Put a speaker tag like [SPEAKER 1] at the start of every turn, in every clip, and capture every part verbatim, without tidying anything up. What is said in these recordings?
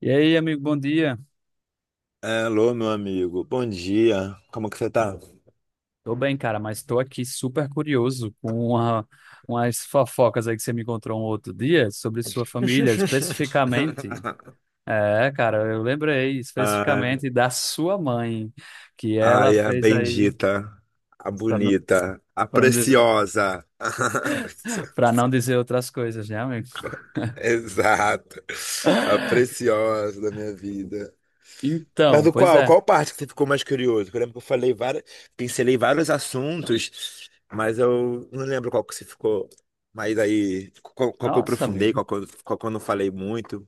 [SPEAKER 1] E aí, amigo, bom dia.
[SPEAKER 2] Alô, meu amigo. Bom dia. Como que você tá?
[SPEAKER 1] Tô bem, cara, mas tô aqui super curioso com uma, umas fofocas aí que você me encontrou um outro dia sobre sua família, especificamente. É, cara, eu lembrei
[SPEAKER 2] Ai,
[SPEAKER 1] especificamente da sua mãe, que ela
[SPEAKER 2] ai, a
[SPEAKER 1] fez aí,
[SPEAKER 2] bendita, a
[SPEAKER 1] para não,
[SPEAKER 2] bonita, a
[SPEAKER 1] para não dizer,
[SPEAKER 2] preciosa. A
[SPEAKER 1] para não
[SPEAKER 2] preciosa.
[SPEAKER 1] dizer outras coisas, né, amigo?
[SPEAKER 2] Exato. A preciosa da minha vida. Mas
[SPEAKER 1] Então,
[SPEAKER 2] o
[SPEAKER 1] pois
[SPEAKER 2] qual?
[SPEAKER 1] é.
[SPEAKER 2] Qual parte que você ficou mais curioso? Eu lembro que eu falei várias, pincelei vários assuntos, mas eu não lembro qual que você ficou. Mas aí, qual, qual que eu
[SPEAKER 1] Nossa,
[SPEAKER 2] aprofundei,
[SPEAKER 1] amigo.
[SPEAKER 2] qual que eu, qual que eu não falei muito.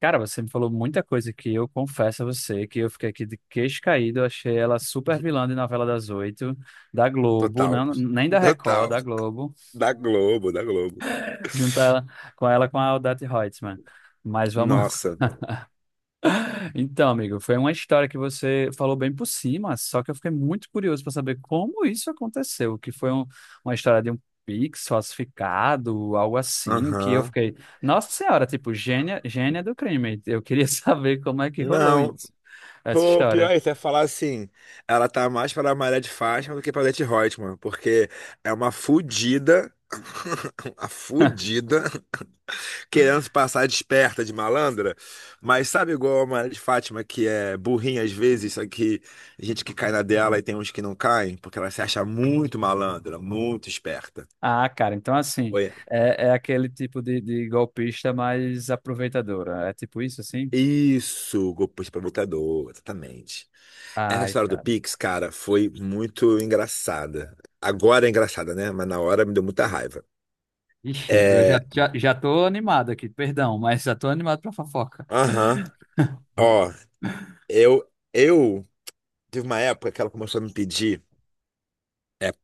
[SPEAKER 1] Cara, você me falou muita coisa que eu confesso a você que eu fiquei aqui de queixo caído. Eu achei ela super vilã de novela das oito, da Globo,
[SPEAKER 2] Total.
[SPEAKER 1] não, nem da Record,
[SPEAKER 2] Total.
[SPEAKER 1] da Globo,
[SPEAKER 2] Da Globo, da Globo.
[SPEAKER 1] juntar ela, com ela com a Odete Roitman. Mas vamos…
[SPEAKER 2] Nossa.
[SPEAKER 1] Então, amigo, foi uma história que você falou bem por cima, só que eu fiquei muito curioso para saber como isso aconteceu, que foi um- uma história de um Pix falsificado, algo assim, que eu
[SPEAKER 2] Aham.
[SPEAKER 1] fiquei, nossa senhora, tipo, gênia, gênia do crime. Eu queria saber como é que rolou
[SPEAKER 2] Não,
[SPEAKER 1] isso, essa
[SPEAKER 2] pô, pior
[SPEAKER 1] história.
[SPEAKER 2] é até falar assim, ela tá mais pra Maria de Fátima do que pra Leti Reutemann, porque é uma fudida, uma fudida, querendo se passar de esperta, de malandra, mas sabe igual a Maria de Fátima, que é burrinha às vezes, só que gente que cai na dela e tem uns que não caem, porque ela se acha muito malandra, muito esperta.
[SPEAKER 1] Ah, cara, então assim,
[SPEAKER 2] Oi.
[SPEAKER 1] é, é aquele tipo de, de golpista mais aproveitadora. É tipo isso, assim?
[SPEAKER 2] Isso, golpista provocador, exatamente. Essa
[SPEAKER 1] Ai,
[SPEAKER 2] história do
[SPEAKER 1] cara.
[SPEAKER 2] Pix, cara, foi muito engraçada. Agora é engraçada, né? Mas na hora me deu muita raiva.
[SPEAKER 1] Ixi, eu já,
[SPEAKER 2] É,
[SPEAKER 1] já, já tô animado aqui, perdão, mas já tô animado pra fofoca.
[SPEAKER 2] aham. Ó, eu, eu tive uma época que ela começou a me pedir.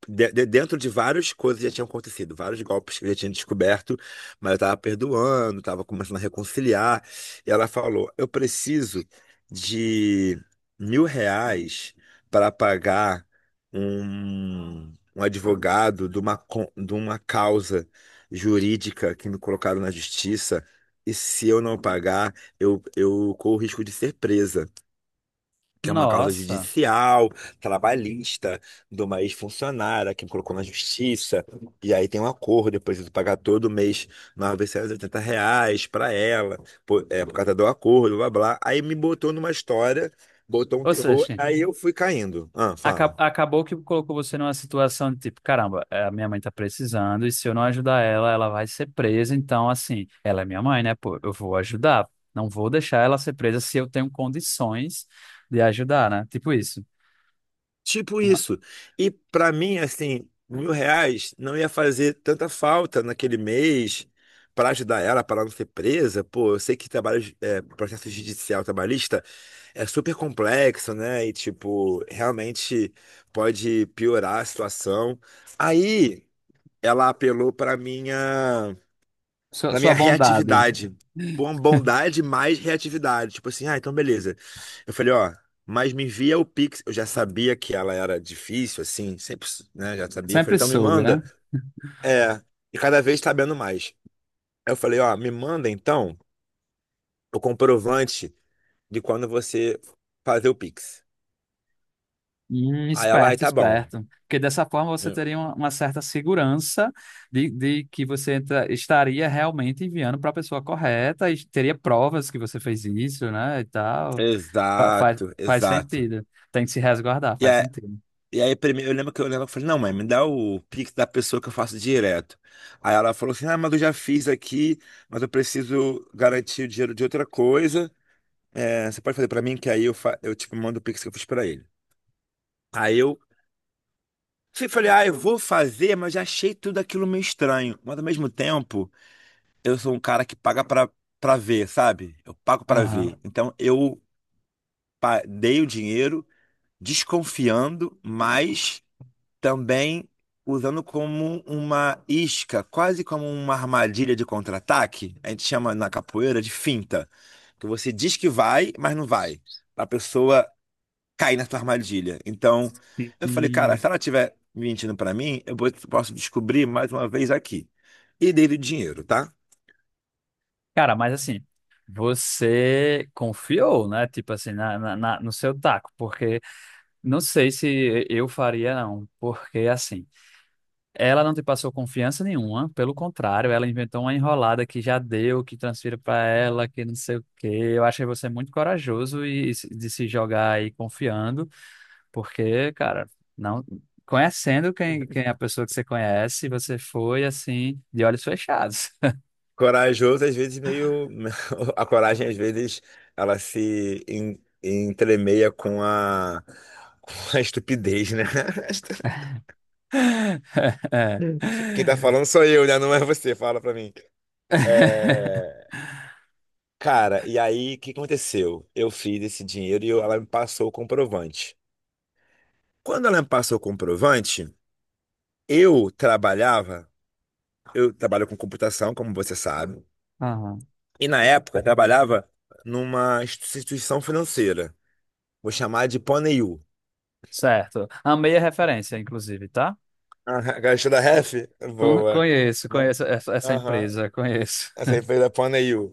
[SPEAKER 2] de- de- Dentro de várias coisas que já tinham acontecido, vários golpes que eu já tinha descoberto, mas eu tava perdoando, tava começando a reconciliar. E ela falou: Eu preciso de mil reais para pagar um, um advogado de uma, co- de uma causa jurídica que me colocaram na justiça. E se eu não pagar, eu, eu corro o risco de ser presa, que é uma causa
[SPEAKER 1] Nossa.
[SPEAKER 2] judicial, trabalhista, de uma ex-funcionária que me colocou na justiça. E aí tem um acordo, eu preciso pagar todo mês novecentos e oitenta reais para ela, por, é, por causa do acordo, blá blá. Aí me botou numa história, botou um
[SPEAKER 1] Ou
[SPEAKER 2] terror,
[SPEAKER 1] seja,
[SPEAKER 2] aí eu fui caindo. Ah,
[SPEAKER 1] aca-
[SPEAKER 2] fala.
[SPEAKER 1] acabou que colocou você numa situação de tipo, caramba, é, a minha mãe tá precisando e se eu não ajudar ela, ela vai ser presa. Então, assim, ela é minha mãe, né? Pô, eu vou ajudar. Não vou deixar ela ser presa se eu tenho condições de ajudar, né? Tipo isso.
[SPEAKER 2] Tipo isso. E para mim, assim, mil reais não ia fazer tanta falta naquele mês para ajudar ela, para ela não ser presa. Pô, eu sei que trabalho, é, processo judicial trabalhista é super complexo, né? E, tipo, realmente pode piorar a situação. Aí ela apelou para minha
[SPEAKER 1] Sua,
[SPEAKER 2] na minha
[SPEAKER 1] sua bondade.
[SPEAKER 2] reatividade. Bom- Bondade mais reatividade. Tipo assim, ah, então beleza. Eu falei, ó, mas me envia o Pix. Eu já sabia que ela era difícil, assim, sempre, né? Já sabia. Eu falei,
[SPEAKER 1] Sempre
[SPEAKER 2] então me
[SPEAKER 1] soube,
[SPEAKER 2] manda.
[SPEAKER 1] né?
[SPEAKER 2] É, e cada vez sabendo mais. Aí eu falei, ó, me manda então o comprovante de quando você fazer o Pix.
[SPEAKER 1] Hum,
[SPEAKER 2] Aí ela, ai,
[SPEAKER 1] esperto,
[SPEAKER 2] tá bom.
[SPEAKER 1] esperto. Porque dessa forma você
[SPEAKER 2] Eu,
[SPEAKER 1] teria uma, uma certa segurança de, de que você entra- estaria realmente enviando para a pessoa correta e teria provas que você fez isso, né? E tal. Fa- faz,
[SPEAKER 2] Exato,
[SPEAKER 1] Faz
[SPEAKER 2] exato.
[SPEAKER 1] sentido. Tem que se resguardar, faz sentido.
[SPEAKER 2] E aí, primeiro, eu lembro que eu lembro, eu falei, não, mãe, me dá o Pix da pessoa que eu faço direto. Aí ela falou assim, ah, mas eu já fiz aqui, mas eu preciso garantir o dinheiro de outra coisa. É, você pode fazer pra mim, que aí eu, fa- eu tipo, mando o Pix que eu fiz pra ele. Aí eu fui- falei, ah, eu vou fazer, mas já achei tudo aquilo meio estranho. Mas ao mesmo tempo, eu sou um cara que paga pra, pra ver, sabe? Eu pago pra ver.
[SPEAKER 1] Aham.
[SPEAKER 2] Então eu pa- dei o dinheiro desconfiando, mas. Também usando como uma isca, quase como uma armadilha de contra-ataque. A gente chama na capoeira de finta, que você diz que vai, mas não vai. A pessoa cai na sua armadilha. Então, eu falei, cara,
[SPEAKER 1] Hum.
[SPEAKER 2] se ela estiver mentindo pra mim, eu vou- posso descobrir mais uma vez aqui. E dei o dinheiro, tá?
[SPEAKER 1] Cara, mas assim, você confiou, né? Tipo assim, na, na, na- no seu taco, porque não sei se eu faria, não. Porque assim. Ela não te passou confiança nenhuma, pelo contrário, ela inventou uma enrolada que já deu, que transfira para ela, que não sei o quê. Eu achei você é muito corajoso e, e se- de se jogar aí confiando, porque, cara, não conhecendo quem, quem é a pessoa que você conhece, você foi assim, de olhos fechados.
[SPEAKER 2] Corajoso, às vezes, meio. A coragem, às vezes, ela se en- entremeia com a, com a estupidez, né?
[SPEAKER 1] É.
[SPEAKER 2] Quem tá falando sou eu, né? Não é você, fala pra mim. É, cara, e aí, o que aconteceu? Eu fiz esse dinheiro e eu- ela me passou o comprovante. Quando ela me passou o comprovante, eu trabalhava, eu trabalho com computação, como você sabe,
[SPEAKER 1] Aham.
[SPEAKER 2] e na época eu trabalhava numa instituição financeira, vou chamar de Poneiú.
[SPEAKER 1] Certo. Amei a referência, inclusive, tá?
[SPEAKER 2] Aham, gostou da ref?
[SPEAKER 1] Con-
[SPEAKER 2] Boa.
[SPEAKER 1] Conheço, conheço essa essa
[SPEAKER 2] Não.
[SPEAKER 1] empresa, conheço.
[SPEAKER 2] Essa aí foi da Poneiú.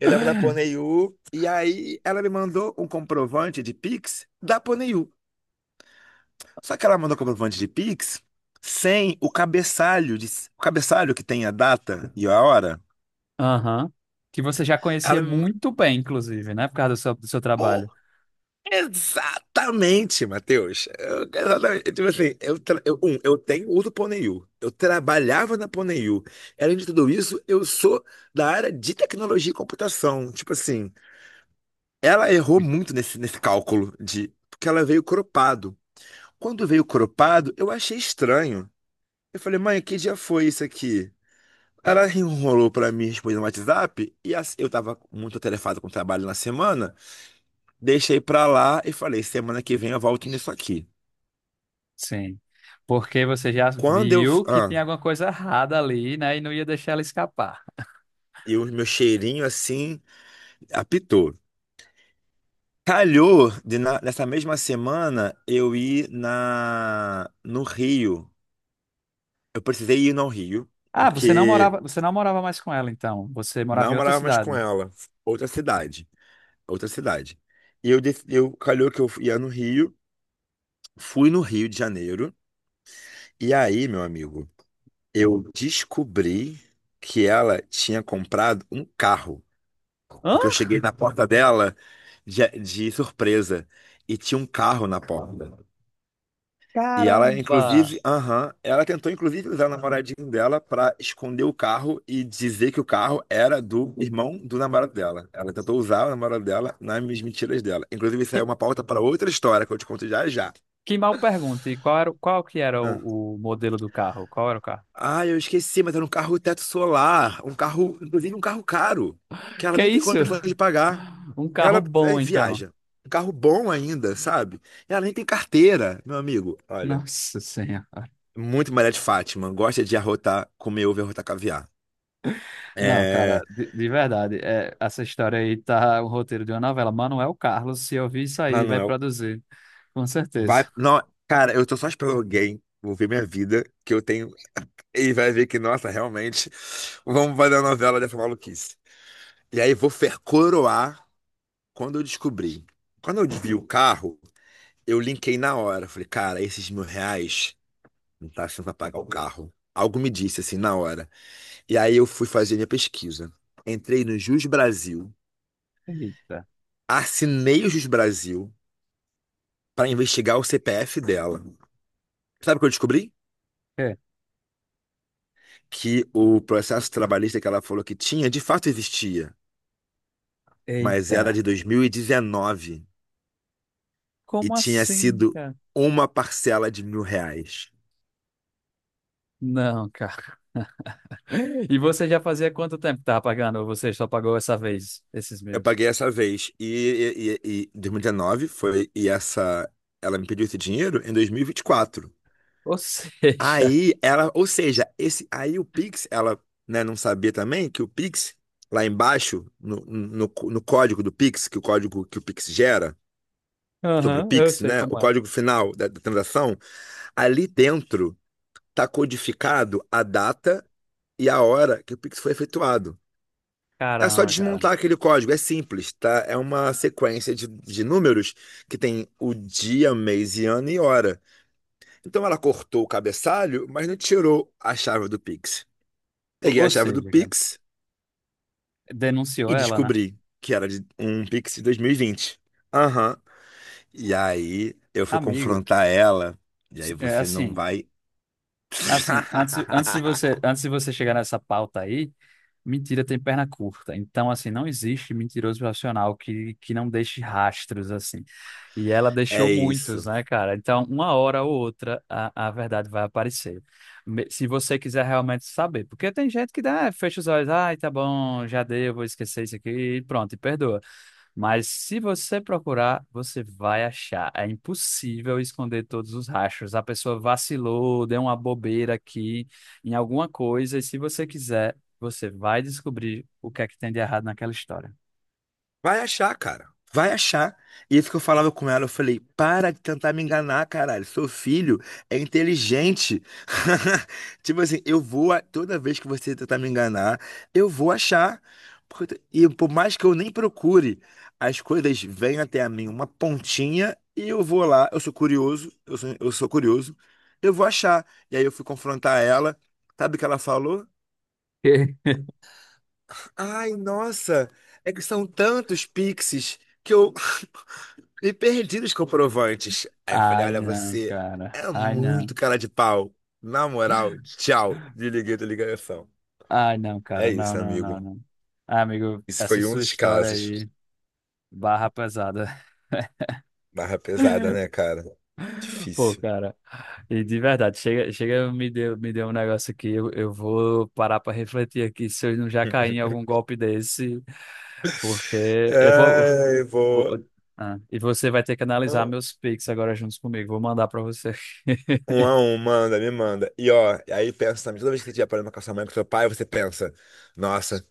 [SPEAKER 2] Eu tava na Poneiú e aí ela me mandou um comprovante de Pix da Poneiú. Só que ela mandou comprovante de Pix sem o cabeçalho, de, o cabeçalho que tem a data e a hora.
[SPEAKER 1] Aham. Que você já conhecia
[SPEAKER 2] Ela me
[SPEAKER 1] muito bem, inclusive, né? Por causa do seu, do seu
[SPEAKER 2] Pô,
[SPEAKER 1] trabalho.
[SPEAKER 2] exatamente, Matheus. Eu- Exatamente. Tipo assim, eu, tra- eu, um, eu tenho uso do Poneiú. Eu trabalhava na Poneiú. Além de tudo isso, eu sou da área de tecnologia e computação. Tipo assim, ela errou muito nesse, nesse cálculo de porque ela veio cropado. Quando veio cropado, eu achei estranho. Eu falei, mãe, que dia foi isso aqui? Ela enrolou pra mim responder no WhatsApp e as- eu tava muito atarefado com o trabalho na semana. Deixei pra lá e falei, semana que vem eu volto nisso aqui.
[SPEAKER 1] Sim. Porque você já
[SPEAKER 2] Quando eu.
[SPEAKER 1] viu que tem
[SPEAKER 2] Ah,
[SPEAKER 1] alguma coisa errada ali, né? E não ia deixar ela escapar.
[SPEAKER 2] e o meu cheirinho assim apitou. Calhou de na- nessa mesma semana eu ir na, no Rio. Eu precisei ir no Rio,
[SPEAKER 1] Ah, você não
[SPEAKER 2] porque
[SPEAKER 1] morava, você não morava mais com ela, então. Você morava
[SPEAKER 2] não
[SPEAKER 1] em outra
[SPEAKER 2] morava mais
[SPEAKER 1] cidade.
[SPEAKER 2] com ela. Outra cidade. Outra cidade. E eu, dec- eu calhou que eu ia no Rio, fui no Rio de Janeiro. E aí, meu amigo, eu descobri que ela tinha comprado um carro.
[SPEAKER 1] Hã?
[SPEAKER 2] Porque eu cheguei na porta dela de, de surpresa. E tinha um carro na porta. E ela,
[SPEAKER 1] Caramba!
[SPEAKER 2] inclusive, aham, ela tentou, inclusive, usar o namoradinho dela para esconder o carro e dizer que o carro era do irmão do namorado dela. Ela tentou usar o namorado dela nas mentiras dela. Inclusive, isso aí é
[SPEAKER 1] Que,
[SPEAKER 2] uma pauta para outra história que eu te conto já já.
[SPEAKER 1] que mal pergunta. E qual era, o- qual que era
[SPEAKER 2] Ah,
[SPEAKER 1] o, o modelo do carro? Qual era o carro?
[SPEAKER 2] Ah, eu esqueci, mas era um carro teto solar. Um carro, inclusive, um carro caro, que ela
[SPEAKER 1] Que
[SPEAKER 2] nem tem
[SPEAKER 1] isso?
[SPEAKER 2] condições de pagar.
[SPEAKER 1] Um carro
[SPEAKER 2] Ela eh,
[SPEAKER 1] bom, então.
[SPEAKER 2] viaja. Um carro bom ainda, sabe? Ela nem tem carteira, meu amigo. Olha,
[SPEAKER 1] Nossa Senhora.
[SPEAKER 2] muito Maria de Fátima. Gosta de arrotar, comer ovo e arrotar caviar.
[SPEAKER 1] Não,
[SPEAKER 2] É,
[SPEAKER 1] cara, de, de verdade, é, essa história aí tá o roteiro de uma novela. Manuel Carlos, se eu vi isso aí, vai
[SPEAKER 2] Manuel,
[SPEAKER 1] produzir, com
[SPEAKER 2] vai.
[SPEAKER 1] certeza.
[SPEAKER 2] Não, cara, eu tô só esperando alguém. Vou ver minha vida, que eu tenho. E vai ver que, nossa, realmente, vamos fazer a novela dessa maluquice. E aí vou fer coroar quando eu descobri. Quando eu vi o carro, eu linkei na hora. Falei, cara, esses mil reais não tá achando pra pagar o carro. Algo me disse assim na hora. E aí eu fui fazer minha pesquisa. Entrei no Jus Brasil,
[SPEAKER 1] Eita,
[SPEAKER 2] assinei o Jus Brasil pra investigar o C P F dela. Sabe o que eu descobri?
[SPEAKER 1] é,
[SPEAKER 2] Que o processo trabalhista que ela falou que tinha, de fato existia, mas era
[SPEAKER 1] eita,
[SPEAKER 2] de dois mil e dezenove e dezenove e
[SPEAKER 1] como
[SPEAKER 2] tinha
[SPEAKER 1] assim,
[SPEAKER 2] sido
[SPEAKER 1] cara?
[SPEAKER 2] uma parcela de mil reais.
[SPEAKER 1] Não, cara. E você já fazia quanto tempo que tava pagando? Ou você só pagou essa vez, esses
[SPEAKER 2] Eu
[SPEAKER 1] mil?
[SPEAKER 2] paguei essa vez e, e, e, e dois mil e dezenove foi, e essa, ela me pediu esse dinheiro em dois mil e vinte e quatro.
[SPEAKER 1] Ou seja,
[SPEAKER 2] Aí ela, ou seja, esse, aí o Pix, ela, né, não sabia também que o Pix, lá embaixo, no, no, no código do Pix, que o código que o Pix gera, sobre o
[SPEAKER 1] aham, eu
[SPEAKER 2] Pix,
[SPEAKER 1] sei
[SPEAKER 2] né? O
[SPEAKER 1] como é.
[SPEAKER 2] código final da, da transação ali dentro está codificado a data e a hora que o Pix foi efetuado. É só
[SPEAKER 1] Caramba,
[SPEAKER 2] desmontar
[SPEAKER 1] cara.
[SPEAKER 2] aquele código, é simples, tá? É uma sequência de, de números que tem o dia, mês e ano e hora. Então ela cortou o cabeçalho, mas não tirou a chave do Pix.
[SPEAKER 1] Ou,
[SPEAKER 2] Peguei a
[SPEAKER 1] ou
[SPEAKER 2] chave do
[SPEAKER 1] seja, cara,
[SPEAKER 2] Pix
[SPEAKER 1] denunciou
[SPEAKER 2] e
[SPEAKER 1] ela, né?
[SPEAKER 2] descobri que era de um Pix de dois mil e vinte. Aham. E aí eu fui
[SPEAKER 1] Amigo,
[SPEAKER 2] confrontar ela, e aí
[SPEAKER 1] se- é
[SPEAKER 2] você não
[SPEAKER 1] assim.
[SPEAKER 2] vai.
[SPEAKER 1] Assim, antes, antes de você, antes de você chegar nessa pauta aí, mentira tem perna curta. Então, assim, não existe mentiroso profissional que, que não deixe rastros, assim. E ela
[SPEAKER 2] É
[SPEAKER 1] deixou
[SPEAKER 2] isso.
[SPEAKER 1] muitos, né, cara? Então, uma hora ou outra, a, a verdade vai aparecer. Me- Se você quiser realmente saber. Porque tem gente que dá, fecha os olhos, ai, tá bom, já deu, vou esquecer isso aqui, e pronto, e perdoa. Mas se você procurar, você vai achar. É impossível esconder todos os rastros. A pessoa vacilou, deu uma bobeira aqui em alguma coisa, e se você quiser, você vai descobrir o que é que tem de errado naquela história.
[SPEAKER 2] Vai achar, cara. Vai achar. E isso que eu falava com ela, eu falei, para de tentar me enganar, caralho. Seu filho é inteligente. Tipo assim, eu vou, a- toda vez que você tentar me enganar, eu vou achar. Porque eu- E por mais que eu nem procure, as coisas vêm até a mim, uma pontinha, e eu vou lá, eu sou curioso, eu sou, eu sou curioso, eu vou achar. E aí eu fui confrontar ela. Sabe o que ela falou? Ai, nossa, é que são tantos pixies que eu E perdi os comprovantes. Aí eu falei,
[SPEAKER 1] Ai,
[SPEAKER 2] olha,
[SPEAKER 1] não,
[SPEAKER 2] você
[SPEAKER 1] cara.
[SPEAKER 2] é
[SPEAKER 1] Ai,
[SPEAKER 2] muito
[SPEAKER 1] não.
[SPEAKER 2] cara de pau. Na moral, tchau. Desliguei da ligação.
[SPEAKER 1] Ai, não,
[SPEAKER 2] É
[SPEAKER 1] cara. Não,
[SPEAKER 2] isso,
[SPEAKER 1] não, não,
[SPEAKER 2] amigo.
[SPEAKER 1] não. Ah, amigo,
[SPEAKER 2] Isso
[SPEAKER 1] essa
[SPEAKER 2] foi um
[SPEAKER 1] sua
[SPEAKER 2] dos
[SPEAKER 1] história
[SPEAKER 2] casos.
[SPEAKER 1] aí, barra pesada.
[SPEAKER 2] Barra pesada, né, cara?
[SPEAKER 1] Pô,
[SPEAKER 2] Difícil.
[SPEAKER 1] cara, e de verdade, chega, chega, me deu, me deu um negócio aqui, eu, eu vou parar pra refletir aqui se eu não já caí em algum golpe desse, porque eu vou,
[SPEAKER 2] Ai, vou
[SPEAKER 1] vou- ah, e você vai ter que analisar meus Pix agora juntos comigo, vou mandar pra você.
[SPEAKER 2] Um a um, manda, me manda. E ó, e aí pensa também, toda vez que você tiver problema com a sua mãe, com seu pai, você pensa, nossa,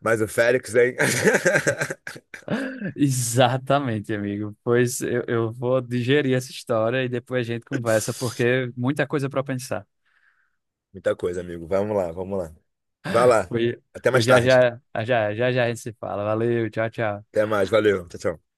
[SPEAKER 2] mas o Félix, hein?
[SPEAKER 1] Exatamente, amigo, pois eu, eu vou digerir essa história e depois a gente conversa, porque muita coisa pra pensar.
[SPEAKER 2] Muita coisa, amigo. Vamos lá, vamos lá. Vai lá.
[SPEAKER 1] Pois,
[SPEAKER 2] Até
[SPEAKER 1] pois
[SPEAKER 2] mais
[SPEAKER 1] já
[SPEAKER 2] tarde.
[SPEAKER 1] já, já já já a gente se fala, valeu, tchau, tchau.
[SPEAKER 2] Até mais, valeu. Tchau, tchau.